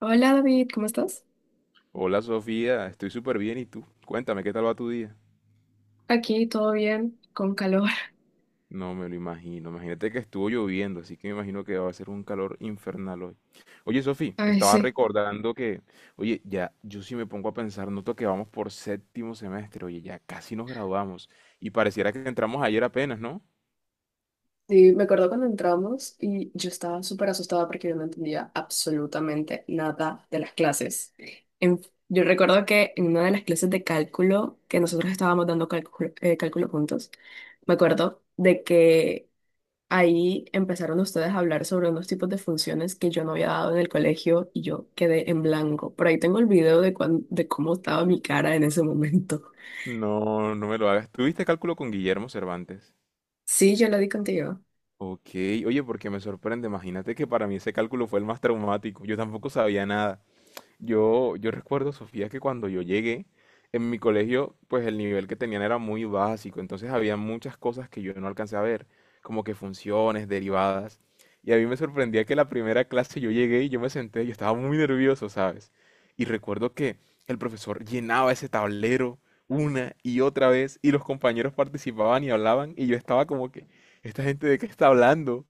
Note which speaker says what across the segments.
Speaker 1: Hola David, ¿cómo estás?
Speaker 2: Hola Sofía, estoy súper bien y tú, cuéntame qué tal va tu día.
Speaker 1: Aquí todo bien, con calor.
Speaker 2: No me lo imagino, imagínate que estuvo lloviendo, así que me imagino que va a ser un calor infernal hoy. Oye Sofía,
Speaker 1: Ay,
Speaker 2: estaba
Speaker 1: sí.
Speaker 2: recordando que, oye, ya yo sí me pongo a pensar, noto que vamos por séptimo semestre, oye, ya casi nos graduamos y pareciera que entramos ayer apenas, ¿no?
Speaker 1: Y me acuerdo cuando entramos y yo estaba súper asustada porque yo no entendía absolutamente nada de las clases. En- yo recuerdo que en una de las clases de cálculo, que nosotros estábamos dando cálculo, cálculo juntos, me acuerdo de que ahí empezaron ustedes a hablar sobre unos tipos de funciones que yo no había dado en el colegio y yo quedé en blanco. Por ahí tengo el video de, de cómo estaba mi cara en ese momento.
Speaker 2: No, no me lo hagas. ¿Tuviste cálculo con Guillermo Cervantes?
Speaker 1: Sí, yo lo di contigo.
Speaker 2: Ok, oye, porque me sorprende, imagínate que para mí ese cálculo fue el más traumático, yo tampoco sabía nada. Yo recuerdo, Sofía, que cuando yo llegué, en mi colegio, pues el nivel que tenían era muy básico, entonces había muchas cosas que yo no alcancé a ver, como que funciones, derivadas. Y a mí me sorprendía que la primera clase yo llegué y yo me senté, yo estaba muy nervioso, ¿sabes? Y recuerdo que el profesor llenaba ese tablero una y otra vez y los compañeros participaban y hablaban y yo estaba como que, ¿esta gente de qué está hablando?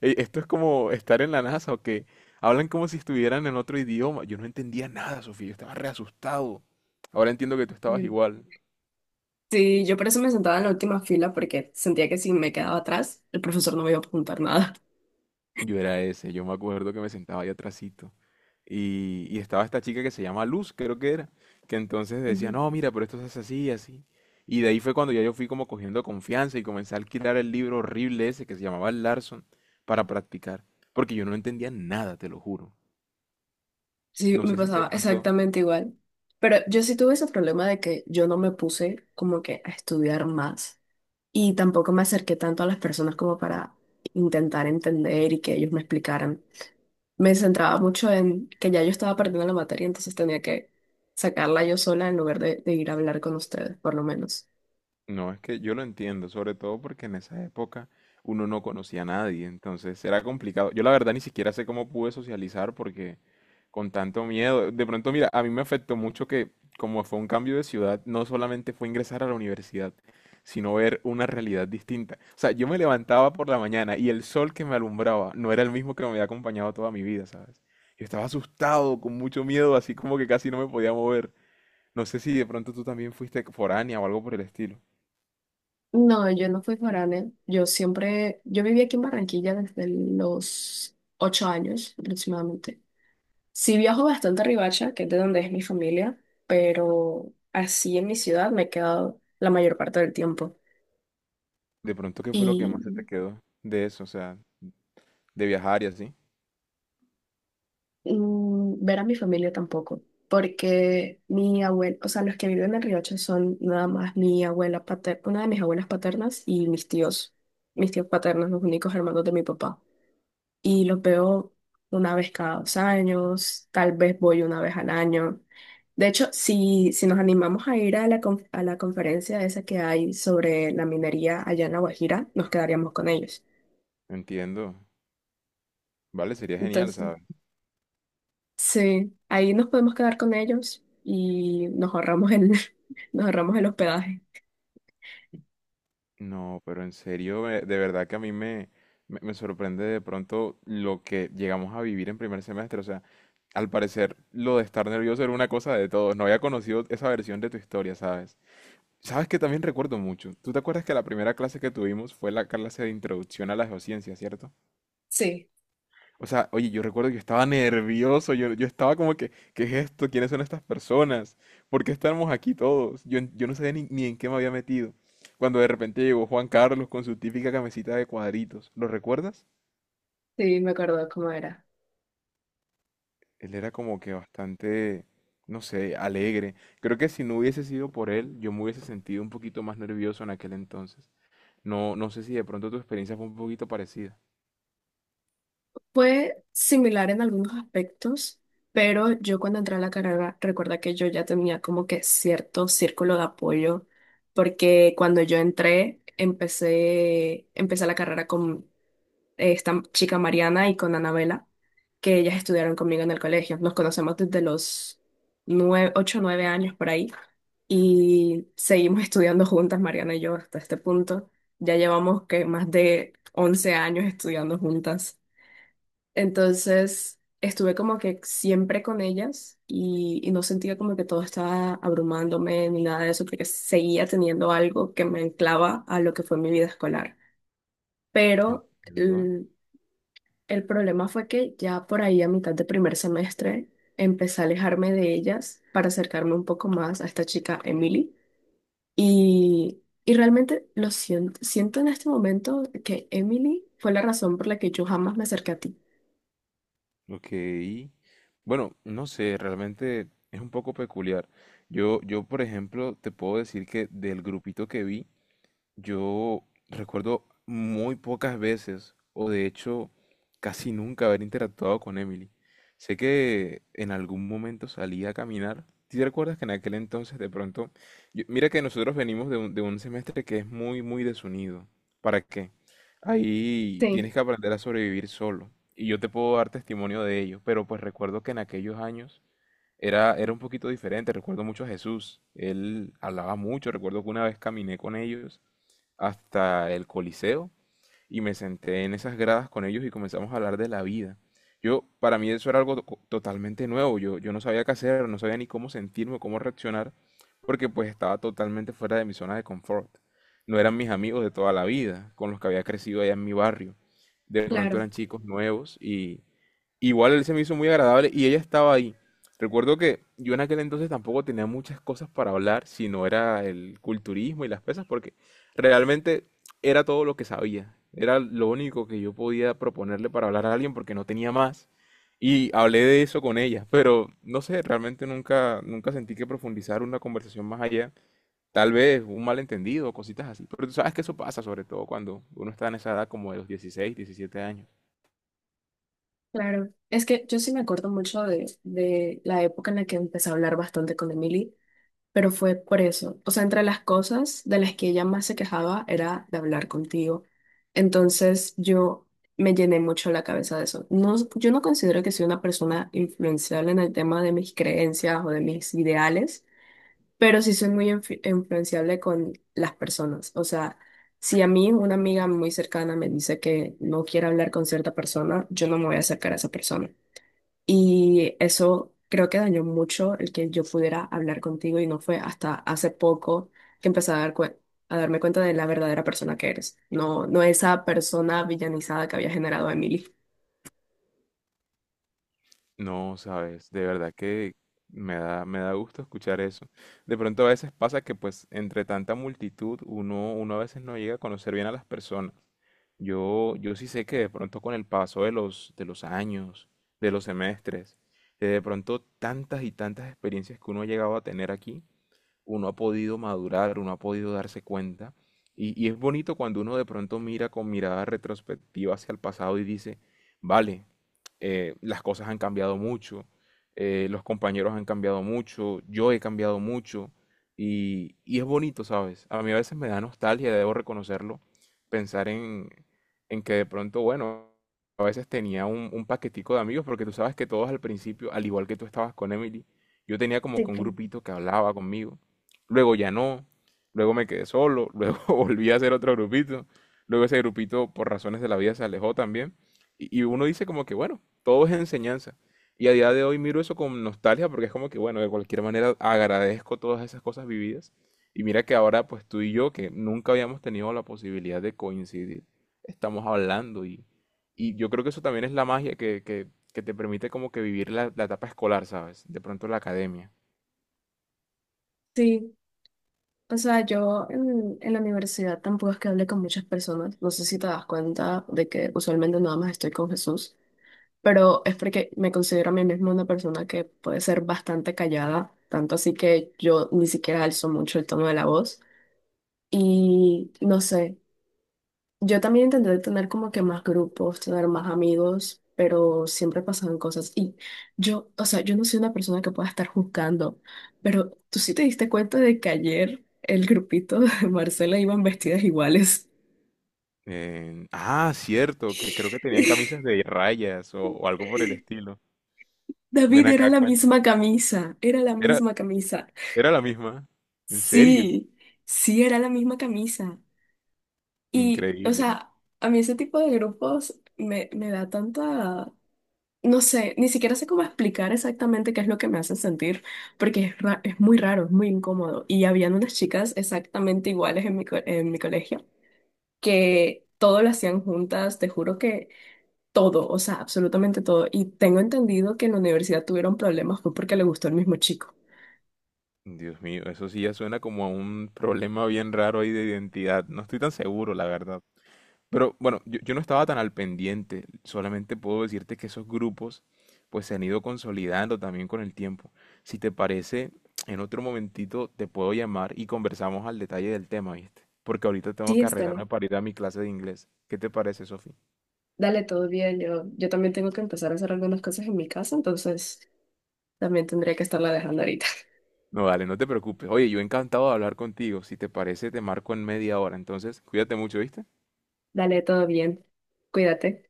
Speaker 2: Esto es como estar en la NASA o que hablan como si estuvieran en otro idioma. Yo no entendía nada, Sofía, yo estaba re asustado. Ahora entiendo que tú estabas
Speaker 1: Mm.
Speaker 2: igual.
Speaker 1: Sí, yo por eso me sentaba en la última fila porque sentía que si me quedaba atrás, el profesor no me iba a preguntar nada.
Speaker 2: Yo era ese, yo me acuerdo que me sentaba ahí atrasito. Y estaba esta chica que se llama Luz, creo que era, que entonces decía,
Speaker 1: Ujú.
Speaker 2: no, mira, pero esto se hace así, así. Y de ahí fue cuando ya yo fui como cogiendo confianza y comencé a alquilar el libro horrible ese que se llamaba Larson para practicar. Porque yo no entendía nada, te lo juro.
Speaker 1: Sí,
Speaker 2: No
Speaker 1: me
Speaker 2: sé si de
Speaker 1: pasaba
Speaker 2: pronto.
Speaker 1: exactamente igual. Pero yo sí tuve ese problema de que yo no me puse como que a estudiar más y tampoco me acerqué tanto a las personas como para intentar entender y que ellos me explicaran. Me centraba mucho en que ya yo estaba perdiendo la materia, entonces tenía que sacarla yo sola en lugar de ir a hablar con ustedes, por lo menos.
Speaker 2: No, es que yo lo entiendo, sobre todo porque en esa época uno no conocía a nadie, entonces era complicado. Yo la verdad ni siquiera sé cómo pude socializar porque con tanto miedo, de pronto mira, a mí me afectó mucho que como fue un cambio de ciudad, no solamente fue ingresar a la universidad, sino ver una realidad distinta. O sea, yo me levantaba por la mañana y el sol que me alumbraba no era el mismo que me había acompañado toda mi vida, ¿sabes? Yo estaba asustado, con mucho miedo, así como que casi no me podía mover. No sé si de pronto tú también fuiste foránea o algo por el estilo.
Speaker 1: No, yo no fui foránea. Yo siempre, yo viví aquí en Barranquilla desde los 8 años aproximadamente. Sí viajo bastante a Riohacha, que es de donde es mi familia, pero así en mi ciudad me he quedado la mayor parte del tiempo.
Speaker 2: De pronto, ¿qué fue lo que más se te
Speaker 1: Y
Speaker 2: quedó de eso? O sea, de viajar y así.
Speaker 1: ver a mi familia tampoco, porque mi abuela, o sea, los que viven en Riohacha son nada más mi abuela paterna, una de mis abuelas paternas y mis tíos paternos, los únicos hermanos de mi papá, y los veo una vez cada dos años, tal vez voy una vez al año. De hecho, si nos animamos a ir a la, a la conferencia esa que hay sobre la minería allá en La Guajira, nos quedaríamos con ellos.
Speaker 2: Entiendo. Vale, sería genial,
Speaker 1: Entonces,
Speaker 2: ¿sabes?
Speaker 1: sí, ahí nos podemos quedar con ellos y nos ahorramos nos ahorramos el hospedaje.
Speaker 2: No, pero en serio, de verdad que a mí me sorprende de pronto lo que llegamos a vivir en primer semestre. O sea, al parecer lo de estar nervioso era una cosa de todos. No había conocido esa versión de tu historia, ¿sabes? Sabes que también recuerdo mucho. Tú te acuerdas que la primera clase que tuvimos fue la clase de introducción a la geociencia, ¿cierto?
Speaker 1: Sí,
Speaker 2: O sea, oye, yo recuerdo que estaba nervioso, yo estaba como que, ¿qué es esto? ¿Quiénes son estas personas? ¿Por qué estamos aquí todos? Yo no sabía ni en qué me había metido. Cuando de repente llegó Juan Carlos con su típica camisita de cuadritos, ¿lo recuerdas?
Speaker 1: sí, me acuerdo cómo era.
Speaker 2: Él era como que bastante, no sé, alegre. Creo que si no hubiese sido por él, yo me hubiese sentido un poquito más nervioso en aquel entonces. No, no sé si de pronto tu experiencia fue un poquito parecida.
Speaker 1: Fue similar en algunos aspectos, pero yo cuando entré a la carrera, recuerda que yo ya tenía como que cierto círculo de apoyo, porque cuando yo entré, empecé la carrera con esta chica Mariana y con Anabela, que ellas estudiaron conmigo en el colegio. Nos conocemos desde los nueve, ocho o nueve años por ahí y seguimos estudiando juntas, Mariana y yo, hasta este punto. Ya llevamos que más de 11 años estudiando juntas. Entonces estuve como que siempre con ellas y no sentía como que todo estaba abrumándome ni nada de eso, porque seguía teniendo algo que me anclaba a lo que fue mi vida escolar. Pero
Speaker 2: Entiendo.
Speaker 1: el, el problema fue que ya por ahí a mitad de primer semestre empecé a alejarme de ellas para acercarme un poco más a esta chica Emily. Y realmente lo siento, siento en este momento que Emily fue la razón por la que yo jamás me acerqué a ti.
Speaker 2: Ok. Bueno, no sé, realmente es un poco peculiar. Por ejemplo, te puedo decir que del grupito que vi, yo recuerdo muy pocas veces, o de hecho casi nunca haber interactuado con Emily. Sé que en algún momento salí a caminar. ¿Sí te recuerdas que en aquel entonces de pronto? Mira que nosotros venimos de un semestre que es muy, muy desunido. ¿Para qué? Ahí
Speaker 1: Sí,
Speaker 2: tienes que aprender a sobrevivir solo. Y yo te puedo dar testimonio de ello. Pero pues recuerdo que en aquellos años era un poquito diferente. Recuerdo mucho a Jesús. Él hablaba mucho. Recuerdo que una vez caminé con ellos hasta el Coliseo y me senté en esas gradas con ellos y comenzamos a hablar de la vida. Yo, para mí eso era algo totalmente nuevo, yo no sabía qué hacer, no sabía ni cómo sentirme, cómo reaccionar, porque pues estaba totalmente fuera de mi zona de confort. No eran mis amigos de toda la vida, con los que había crecido allá en mi barrio. De pronto
Speaker 1: claro.
Speaker 2: eran chicos nuevos y igual él se me hizo muy agradable y ella estaba ahí. Recuerdo que yo en aquel entonces tampoco tenía muchas cosas para hablar, si no era el culturismo y las pesas, porque realmente era todo lo que sabía. Era lo único que yo podía proponerle para hablar a alguien porque no tenía más. Y hablé de eso con ella, pero no sé, realmente nunca, nunca sentí que profundizar una conversación más allá. Tal vez un malentendido, cositas así. Pero tú sabes que eso pasa, sobre todo cuando uno está en esa edad como de los 16 17 años.
Speaker 1: Claro, es que yo sí me acuerdo mucho de la época en la que empecé a hablar bastante con Emily, pero fue por eso. O sea, entre las cosas de las que ella más se quejaba era de hablar contigo. Entonces yo me llené mucho la cabeza de eso. No, yo no considero que soy una persona influenciable en el tema de mis creencias o de mis ideales, pero sí soy muy influenciable con las personas. O sea, si a mí una amiga muy cercana me dice que no quiere hablar con cierta persona, yo no me voy a acercar a esa persona. Y eso creo que dañó mucho el que yo pudiera hablar contigo y no fue hasta hace poco que empecé a a darme cuenta de la verdadera persona que eres, no, no esa persona villanizada que había generado Emily.
Speaker 2: No, sabes, de verdad que me da gusto escuchar eso. De pronto a veces pasa que pues entre tanta multitud uno a veces no llega a conocer bien a las personas. Yo sí sé que de pronto con el paso de los años, de los semestres, de pronto tantas y tantas experiencias que uno ha llegado a tener aquí, uno ha podido madurar, uno ha podido darse cuenta. Y es bonito cuando uno de pronto mira con mirada retrospectiva hacia el pasado y dice, vale, las cosas han cambiado mucho, los compañeros han cambiado mucho, yo he cambiado mucho y es bonito, ¿sabes? A mí a veces me da nostalgia, debo reconocerlo, pensar en que de pronto, bueno, a veces tenía un paquetico de amigos, porque tú sabes que todos al principio, al igual que tú estabas con Emily, yo tenía como
Speaker 1: Sí,
Speaker 2: que un
Speaker 1: claro.
Speaker 2: grupito que hablaba conmigo, luego ya no, luego me quedé solo, luego volví a hacer otro grupito, luego ese grupito por razones de la vida se alejó también, y uno dice como que, bueno, todo es enseñanza. Y a día de hoy miro eso con nostalgia porque es como que, bueno, de cualquier manera agradezco todas esas cosas vividas. Y mira que ahora pues tú y yo, que nunca habíamos tenido la posibilidad de coincidir, estamos hablando y yo creo que eso también es la magia que te permite como que vivir la etapa escolar, ¿sabes? De pronto la academia.
Speaker 1: Sí, o sea, yo en la universidad tampoco es que hable con muchas personas. No sé si te das cuenta de que usualmente nada más estoy con Jesús, pero es porque me considero a mí misma una persona que puede ser bastante callada, tanto así que yo ni siquiera alzo mucho el tono de la voz. Y no sé, yo también intenté tener como que más grupos, tener más amigos, pero siempre pasaban cosas. Y yo, o sea, yo no soy una persona que pueda estar juzgando, pero tú sí te diste cuenta de que ayer el grupito de Marcela iban vestidas iguales.
Speaker 2: Ah, cierto, que creo que tenían camisas de rayas o algo por el estilo. Ven
Speaker 1: David, era
Speaker 2: acá,
Speaker 1: la
Speaker 2: cuenta.
Speaker 1: misma camisa, era la
Speaker 2: Era,
Speaker 1: misma camisa.
Speaker 2: era la misma. ¿En serio?
Speaker 1: Sí, sí, era la misma camisa. Y, o
Speaker 2: Increíble.
Speaker 1: sea, a mí ese tipo de grupos me da tanta. No sé, ni siquiera sé cómo explicar exactamente qué es lo que me hace sentir, porque es muy raro, es muy incómodo. Y habían unas chicas exactamente iguales en en mi colegio, que todo lo hacían juntas, te juro que todo, o sea, absolutamente todo. Y tengo entendido que en la universidad tuvieron problemas, fue porque le gustó el mismo chico.
Speaker 2: Dios mío, eso sí ya suena como a un problema bien raro ahí de identidad. No estoy tan seguro, la verdad. Pero bueno, yo no estaba tan al pendiente. Solamente puedo decirte que esos grupos pues se han ido consolidando también con el tiempo. Si te parece, en otro momentito te puedo llamar y conversamos al detalle del tema, ¿viste? Porque ahorita tengo
Speaker 1: Sí,
Speaker 2: que
Speaker 1: Esther,
Speaker 2: arreglarme para ir a mi clase de inglés. ¿Qué te parece, Sofi?
Speaker 1: dale todo bien. Yo también tengo que empezar a hacer algunas cosas en mi casa, entonces también tendría que estarla dejando ahorita.
Speaker 2: No, dale, no te preocupes. Oye, yo encantado de hablar contigo. Si te parece, te marco en media hora. Entonces, cuídate mucho, ¿viste?
Speaker 1: Dale todo bien, cuídate.